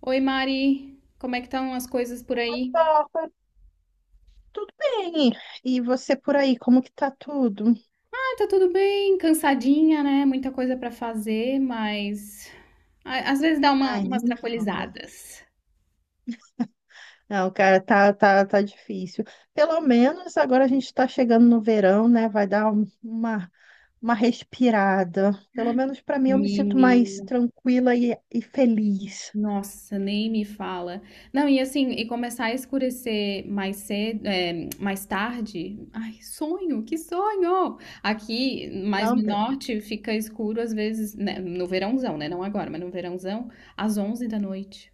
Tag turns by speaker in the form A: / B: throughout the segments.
A: Oi, Mari. Como é que estão as coisas por aí?
B: Rafa, tudo bem? E você por aí, como que tá tudo?
A: Ah, tá tudo bem, cansadinha, né? Muita coisa pra fazer, mas às vezes dá
B: Ai, nem
A: umas
B: me fala.
A: trapolizadas.
B: Não, cara, tá difícil. Pelo menos agora a gente tá chegando no verão, né? Vai dar um- uma respirada. Pelo menos pra mim eu me sinto mais
A: Menina,
B: tranquila e feliz.
A: nossa, nem me fala. Não, e assim, e começar a escurecer mais cedo, mais tarde. Ai, sonho, que sonho! Aqui, mais
B: Não,
A: no norte, fica escuro às vezes, né? No verãozão, né? Não agora, mas no verãozão, às 11 da noite.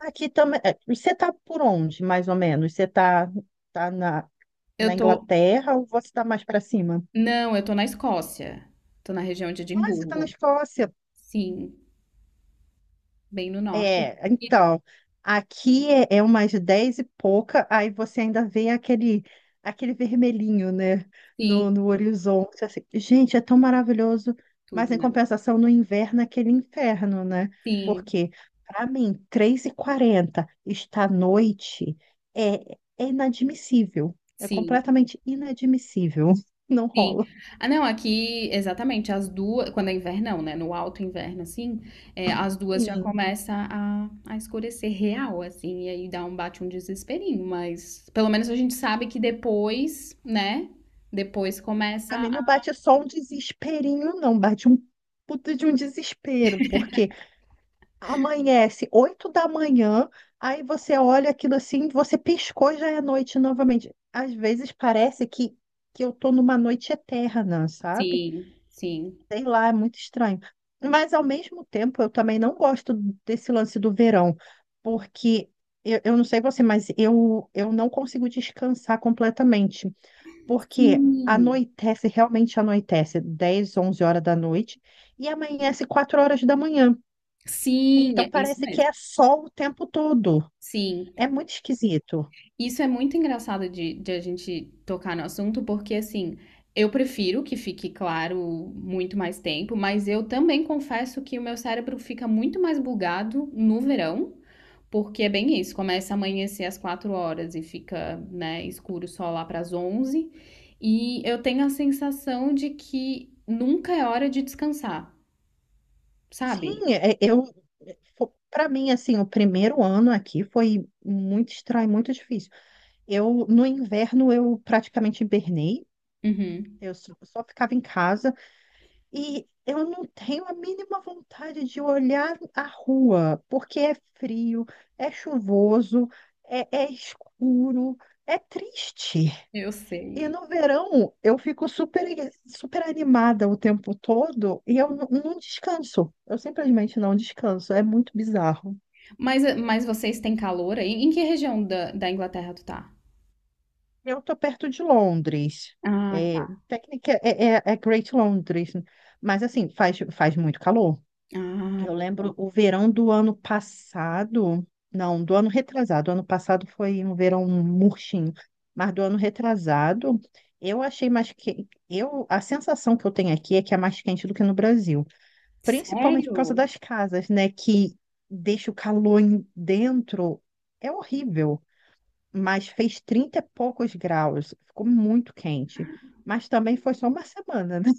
B: aqui também. Você tá por onde, mais ou menos? Você tá, tá na,
A: Eu
B: na
A: tô
B: Inglaterra ou você tá mais pra cima?
A: Não, eu tô na Escócia. Tô na região de
B: Ah, você tá na
A: Edimburgo.
B: Escócia.
A: Sim, bem no norte.
B: É, então, aqui é umas 10 e pouca, aí você ainda vê aquele, aquele vermelhinho, né,
A: Sim,
B: no horizonte, assim. Gente, é tão maravilhoso, mas
A: tudo,
B: em
A: né?
B: compensação, no inverno, é aquele inferno, né?
A: Sim,
B: Porque, para mim, 3h40 está à noite é inadmissível, é
A: sim,
B: completamente inadmissível, não
A: sim.
B: rola.
A: Ah, não, aqui, exatamente, as duas, quando é invernão, né? No alto inverno, assim, as duas já
B: Sim,
A: a escurecer real, assim, e aí dá um bate um desesperinho, mas pelo menos a gente sabe que depois, né? Depois começa
B: pra mim não
A: a.
B: bate só um desesperinho, não, bate um puta de um desespero, porque amanhece 8 da manhã, aí você olha aquilo assim, você piscou e já é noite novamente. Às vezes parece que eu tô numa noite eterna, sabe?
A: Sim, sim.
B: Sei lá, é muito estranho. Mas ao mesmo tempo, eu também não gosto desse lance do verão, porque eu não sei você, mas eu não consigo descansar completamente, porque
A: Sim,
B: anoitece, realmente anoitece, 10, 11 horas da noite, e amanhece 4 horas da manhã.
A: sim,
B: Então
A: é isso
B: parece que
A: mesmo.
B: é sol o tempo todo.
A: Sim.
B: É muito esquisito.
A: Isso é muito engraçado de a gente tocar no assunto, porque assim, eu prefiro que fique claro muito mais tempo, mas eu também confesso que o meu cérebro fica muito mais bugado no verão, porque é bem isso, começa a amanhecer às 4 horas e fica, né, escuro só lá para as 11 e eu tenho a sensação de que nunca é hora de descansar, sabe?
B: Sim, é- eu para mim assim, o primeiro ano aqui foi muito estranho, muito difícil. Eu no inverno eu praticamente hibernei.
A: Uhum,
B: Eu só ficava em casa e eu não tenho a mínima vontade de olhar a rua, porque é frio, é chuvoso, é escuro, é triste.
A: eu
B: E
A: sei.
B: no verão eu fico super, super animada o tempo todo e eu não descanso. Eu simplesmente não descanso. É muito bizarro.
A: Mas vocês têm calor aí? Em que região da Inglaterra tu tá?
B: Eu tô perto de Londres.
A: Ah,
B: É Great Londres, mas assim, faz muito calor.
A: ah,
B: Eu lembro
A: boa.
B: o verão do ano passado, não, do ano retrasado. O ano passado foi um verão murchinho, mas do ano retrasado eu achei mais que eu a sensação que eu tenho aqui é que é mais quente do que no Brasil. Principalmente por causa
A: Sério?
B: das casas, né? Que deixa o calor dentro. É horrível. Mas fez 30 e poucos graus. Ficou muito quente. Mas também foi só uma semana, né?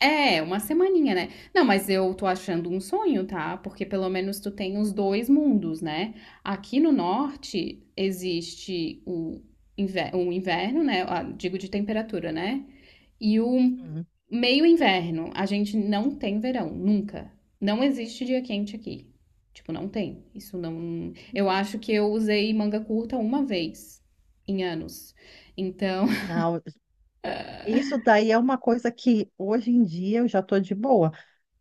A: É, uma semaninha, né? Não, mas eu tô achando um sonho, tá? Porque pelo menos tu tem os dois mundos, né? Aqui no norte existe o inverno, né? Ah, digo de temperatura, né? E o
B: Hum.
A: meio inverno. A gente não tem verão, nunca. Não existe dia quente aqui. Tipo, não tem. Isso não. Eu acho que eu usei manga curta uma vez em anos. Então,
B: Não, isso daí é uma coisa que hoje em dia eu já tô de boa.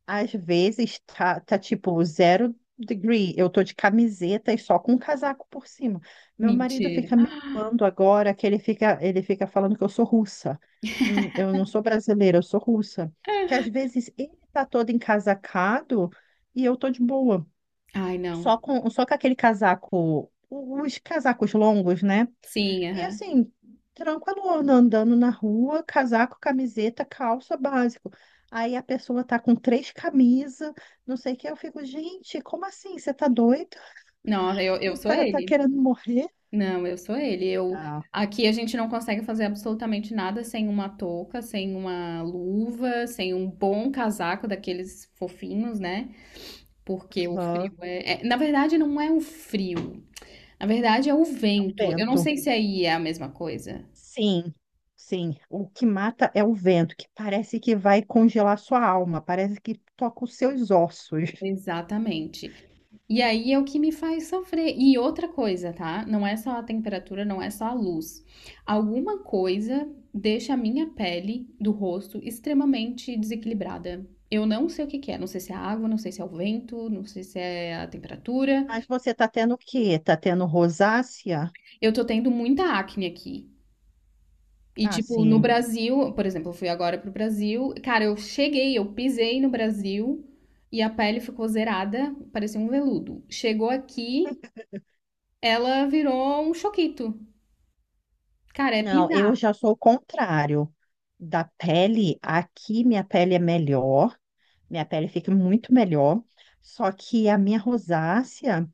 B: Às vezes tá tipo zero degree. Eu tô de camiseta e só com um casaco por cima. Meu marido
A: mentira.
B: fica me zoando agora que ele fica falando que eu sou russa. Eu não sou brasileira, eu sou russa. Que às vezes ele tá todo encasacado e eu tô de boa.
A: Ai, não.
B: Só com aquele casaco, os casacos longos, né?
A: Sim,
B: E
A: aham.
B: assim, tranquilona, andando na rua, casaco, camiseta, calça, básico. Aí a pessoa tá com três camisas, não sei o que. Eu fico, gente, como assim? Você tá doido?
A: Não, eu sou
B: Tá
A: ele.
B: querendo morrer?
A: Não, eu sou ele. Eu,
B: Ah,
A: aqui a gente não consegue fazer absolutamente nada sem uma touca, sem uma luva, sem um bom casaco daqueles fofinhos, né? Porque o frio
B: aham,
A: na verdade, não é o frio. Na verdade, é o
B: é o
A: vento. Eu não
B: vento.
A: sei se aí é a mesma coisa.
B: Sim, sim. O que mata é o vento, que parece que vai congelar sua alma, parece que toca os seus ossos.
A: Exatamente. E aí é o que me faz sofrer. E outra coisa, tá? Não é só a temperatura, não é só a luz. Alguma coisa deixa a minha pele do rosto extremamente desequilibrada. Eu não sei o que que é, não sei se é a água, não sei se é o vento, não sei se é a temperatura.
B: Mas você tá tendo o quê? Tá tendo rosácea?
A: Eu tô tendo muita acne aqui. E
B: Ah,
A: tipo, no
B: sim.
A: Brasil, por exemplo, eu fui agora pro Brasil, cara, eu cheguei, eu pisei no Brasil e a pele ficou zerada, parecia um veludo. Chegou aqui, ela virou um choquito. Cara, é
B: Não, eu
A: pisar.
B: já sou o contrário da pele. Aqui minha pele é melhor, minha pele fica muito melhor. Só que a minha rosácea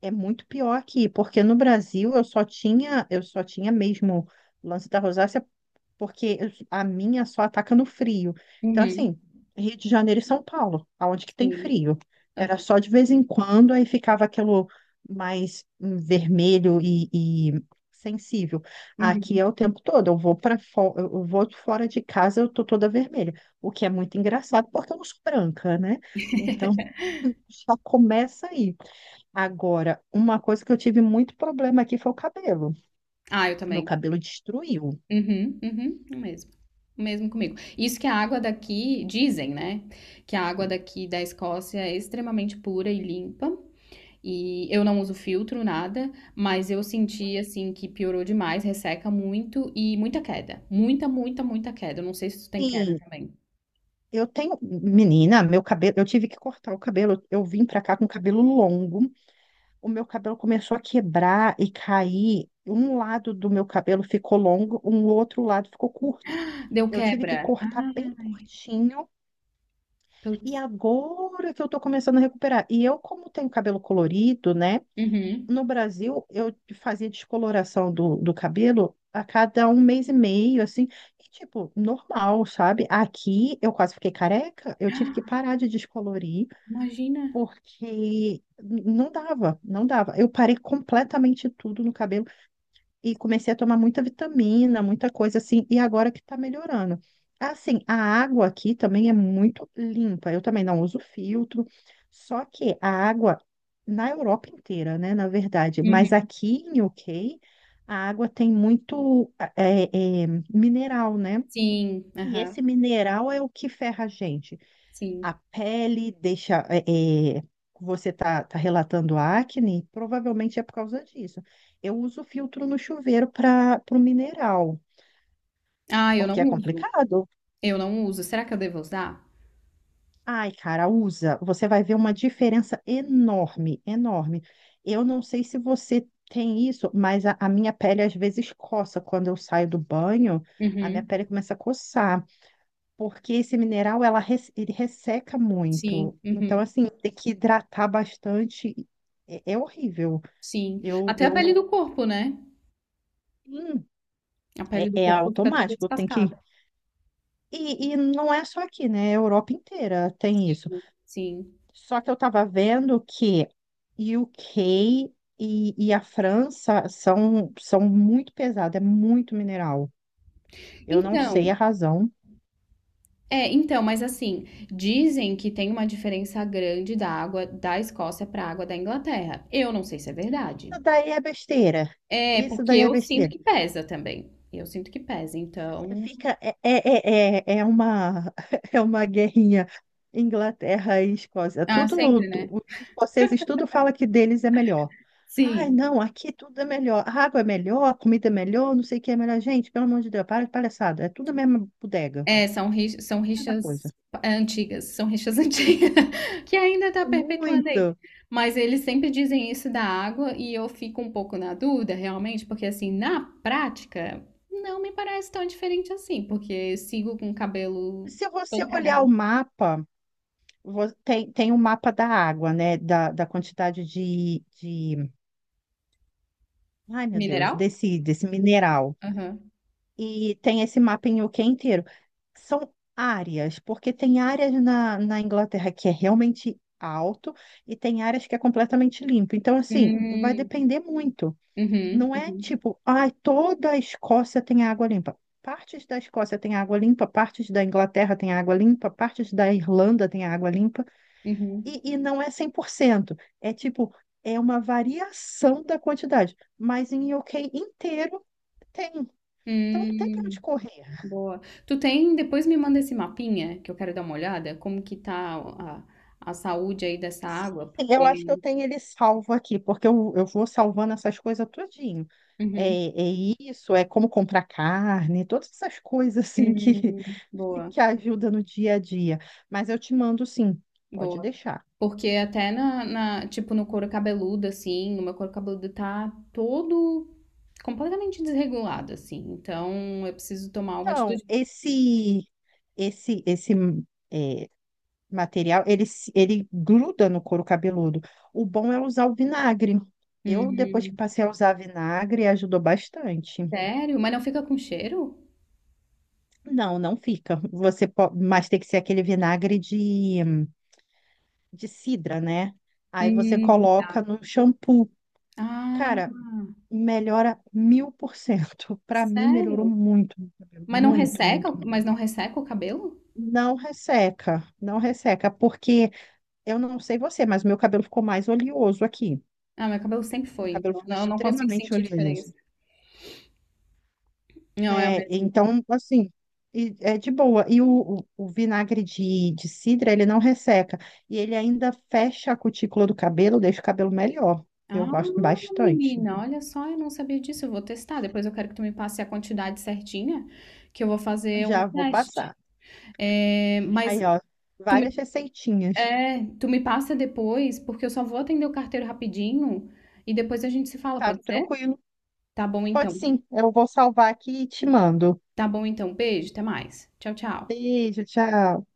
B: é muito pior aqui, porque no Brasil eu só tinha mesmo o lance da rosácea porque a minha só ataca no frio. Então,
A: Uhum,
B: assim, Rio de Janeiro e São Paulo, aonde que tem
A: sim.
B: frio. Era
A: Aham,
B: só de vez em quando, aí ficava aquilo mais vermelho e sensível. Aqui
A: uhum.
B: é o tempo todo, eu vou para fora, eu vou fora de casa, eu tô toda vermelha, o que é muito engraçado porque eu não sou branca, né? Então, só começa aí. Agora, uma coisa que eu tive muito problema aqui foi o cabelo.
A: Ah, eu
B: Meu
A: também.
B: cabelo destruiu.
A: Uhum, uhum, o mesmo. O mesmo comigo. Isso que a água daqui, dizem, né? Que a água daqui da Escócia é extremamente pura e limpa. E eu não uso filtro, nada, mas eu senti assim que piorou demais, resseca muito e muita queda. Muita, muita, muita queda. Eu não sei se tu tem queda
B: Sim,
A: também.
B: eu tenho, menina, meu cabelo, eu tive que cortar o cabelo. Eu vim pra cá com cabelo longo. O meu cabelo começou a quebrar e cair. Um lado do meu cabelo ficou longo, um outro lado ficou curto.
A: Deu
B: Eu tive que
A: quebra.
B: cortar bem
A: Ai,
B: curtinho e
A: putz.
B: agora que eu tô começando a recuperar. E eu, como tenho cabelo colorido, né?
A: Uhum.
B: No Brasil, eu fazia descoloração do cabelo a cada um mês e meio, assim, e, tipo, normal, sabe? Aqui eu quase fiquei careca, eu tive que parar de descolorir,
A: Imagina.
B: porque não dava. Eu parei completamente tudo no cabelo e comecei a tomar muita vitamina, muita coisa assim, e agora que tá melhorando. Assim, a água aqui também é muito limpa, eu também não uso filtro, só que a água na Europa inteira, né, na verdade, mas
A: Uhum.
B: aqui em UK, a água tem muito mineral, né?
A: Sim,
B: E
A: aham,
B: esse mineral é o que ferra a gente. A
A: sim.
B: pele deixa. É, você tá relatando acne, provavelmente é por causa disso. Eu uso filtro no chuveiro para o mineral,
A: Ah, eu não
B: porque é
A: uso.
B: complicado.
A: Eu não uso. Será que eu devo usar?
B: Ai, cara, usa. Você vai ver uma diferença enorme, enorme. Eu não sei se você tem isso, mas a minha pele às vezes coça. Quando eu saio do banho, a minha
A: Uhum.
B: pele começa a coçar, porque esse mineral ele resseca
A: Sim,
B: muito. Então,
A: uhum.
B: assim, tem que hidratar bastante. É horrível.
A: Sim.
B: Eu,
A: Até a
B: eu,
A: pele do corpo, né?
B: hum,
A: A pele do
B: é
A: corpo fica toda
B: automático. Tem que.
A: descascada.
B: E não é só aqui, né? A Europa inteira tem isso.
A: Sim.
B: Só que eu estava vendo que UK e a França são muito pesados, é muito mineral. Eu não sei a
A: Então,
B: razão.
A: é, então, mas assim, dizem que tem uma diferença grande da água da Escócia para a água da Inglaterra. Eu não sei se é verdade.
B: Isso daí é besteira.
A: É,
B: Isso
A: porque
B: daí é
A: eu sinto
B: besteira.
A: que pesa também. Eu sinto que pesa, então.
B: Fica, é uma guerrinha Inglaterra e Escócia.
A: Ah,
B: Tudo,
A: sempre, né?
B: os escoceses tudo fala que deles é melhor. Ai,
A: Sim.
B: não, aqui tudo é melhor. A água é melhor, a comida é melhor, não sei o que é melhor. Gente, pelo amor de Deus, para de palhaçada. É tudo a mesma bodega,
A: São
B: mesma coisa.
A: rixas é, antigas, são rixas antigas, que ainda está
B: É
A: perpetuando
B: muito.
A: aí. Mas eles sempre dizem isso da água e eu fico um pouco na dúvida, realmente, porque assim, na prática, não me parece tão diferente assim, porque eu sigo com o cabelo
B: Se você
A: todo
B: olhar o
A: cagado.
B: mapa, tem o mapa da água, né? Da quantidade ai meu Deus,
A: Mineral?
B: desse mineral.
A: Aham.
B: E tem esse mapa em UK inteiro. São áreas, porque tem áreas na Inglaterra que é realmente alto e tem áreas que é completamente limpo. Então, assim, vai
A: Hum,
B: depender muito.
A: uhum,
B: Não é
A: uhum,
B: tipo, ai, toda a Escócia tem água limpa. Partes da Escócia tem água limpa, partes da Inglaterra tem água limpa, partes da Irlanda tem água limpa,
A: uhum.
B: e não é 100%. É tipo, é uma variação da quantidade, mas em UK inteiro tem. Então não tem para onde
A: Hum,
B: correr.
A: boa. Tu tem, depois me manda esse mapinha, que eu quero dar uma olhada, como que tá a saúde aí dessa
B: Sim,
A: água,
B: sim, eu acho que eu
A: porque
B: tenho ele salvo aqui, porque eu vou salvando essas coisas tudinho. É,
A: uhum.
B: é isso, é como comprar carne, todas essas coisas assim que,
A: Boa,
B: que ajuda no dia a dia. Mas eu te mando sim, pode
A: boa.
B: deixar.
A: Porque até tipo, no couro cabeludo, assim, o meu couro cabeludo tá todo completamente desregulado, assim. Então eu preciso tomar uma atitude.
B: Então, esse esse é, material, ele, ele gruda no couro cabeludo. O bom é usar o vinagre. Eu, depois que
A: Hum,
B: passei a usar vinagre, ajudou bastante.
A: sério? Mas não fica com cheiro?
B: Não, não fica. Você pode, mas tem que ser aquele vinagre de cidra, né? Aí você
A: Hum,
B: coloca no shampoo.
A: ah,
B: Cara, melhora 1000%. Pra mim, melhorou
A: sério?
B: muito, meu cabelo,
A: Mas não
B: muito,
A: resseca,
B: muito, muito.
A: o cabelo?
B: Não resseca, não resseca, porque eu não sei você, mas meu cabelo ficou mais oleoso aqui.
A: Ah, meu cabelo sempre
B: Meu
A: foi,
B: cabelo
A: então
B: ficou
A: eu não consigo
B: extremamente
A: sentir
B: oleoso.
A: diferença. Não é o
B: É,
A: mesmo.
B: então, assim, é de boa. E o vinagre de cidra, ele não resseca. E ele ainda fecha a cutícula do cabelo, deixa o cabelo melhor.
A: Ah,
B: Eu gosto bastante.
A: menina, olha só, eu não sabia disso. Eu vou testar. Depois eu quero que tu me passe a quantidade certinha, que eu vou fazer um
B: Já vou
A: teste.
B: passar.
A: É, mas
B: Aí, ó,
A: tu me,
B: várias receitinhas.
A: é, tu me passa depois, porque eu só vou atender o carteiro rapidinho e depois a gente se fala,
B: Tá
A: pode ser?
B: tranquilo.
A: Tá bom
B: Pode
A: então.
B: sim, eu vou salvar aqui e te mando.
A: Tá bom então. Beijo, até mais. Tchau, tchau.
B: Beijo, tchau.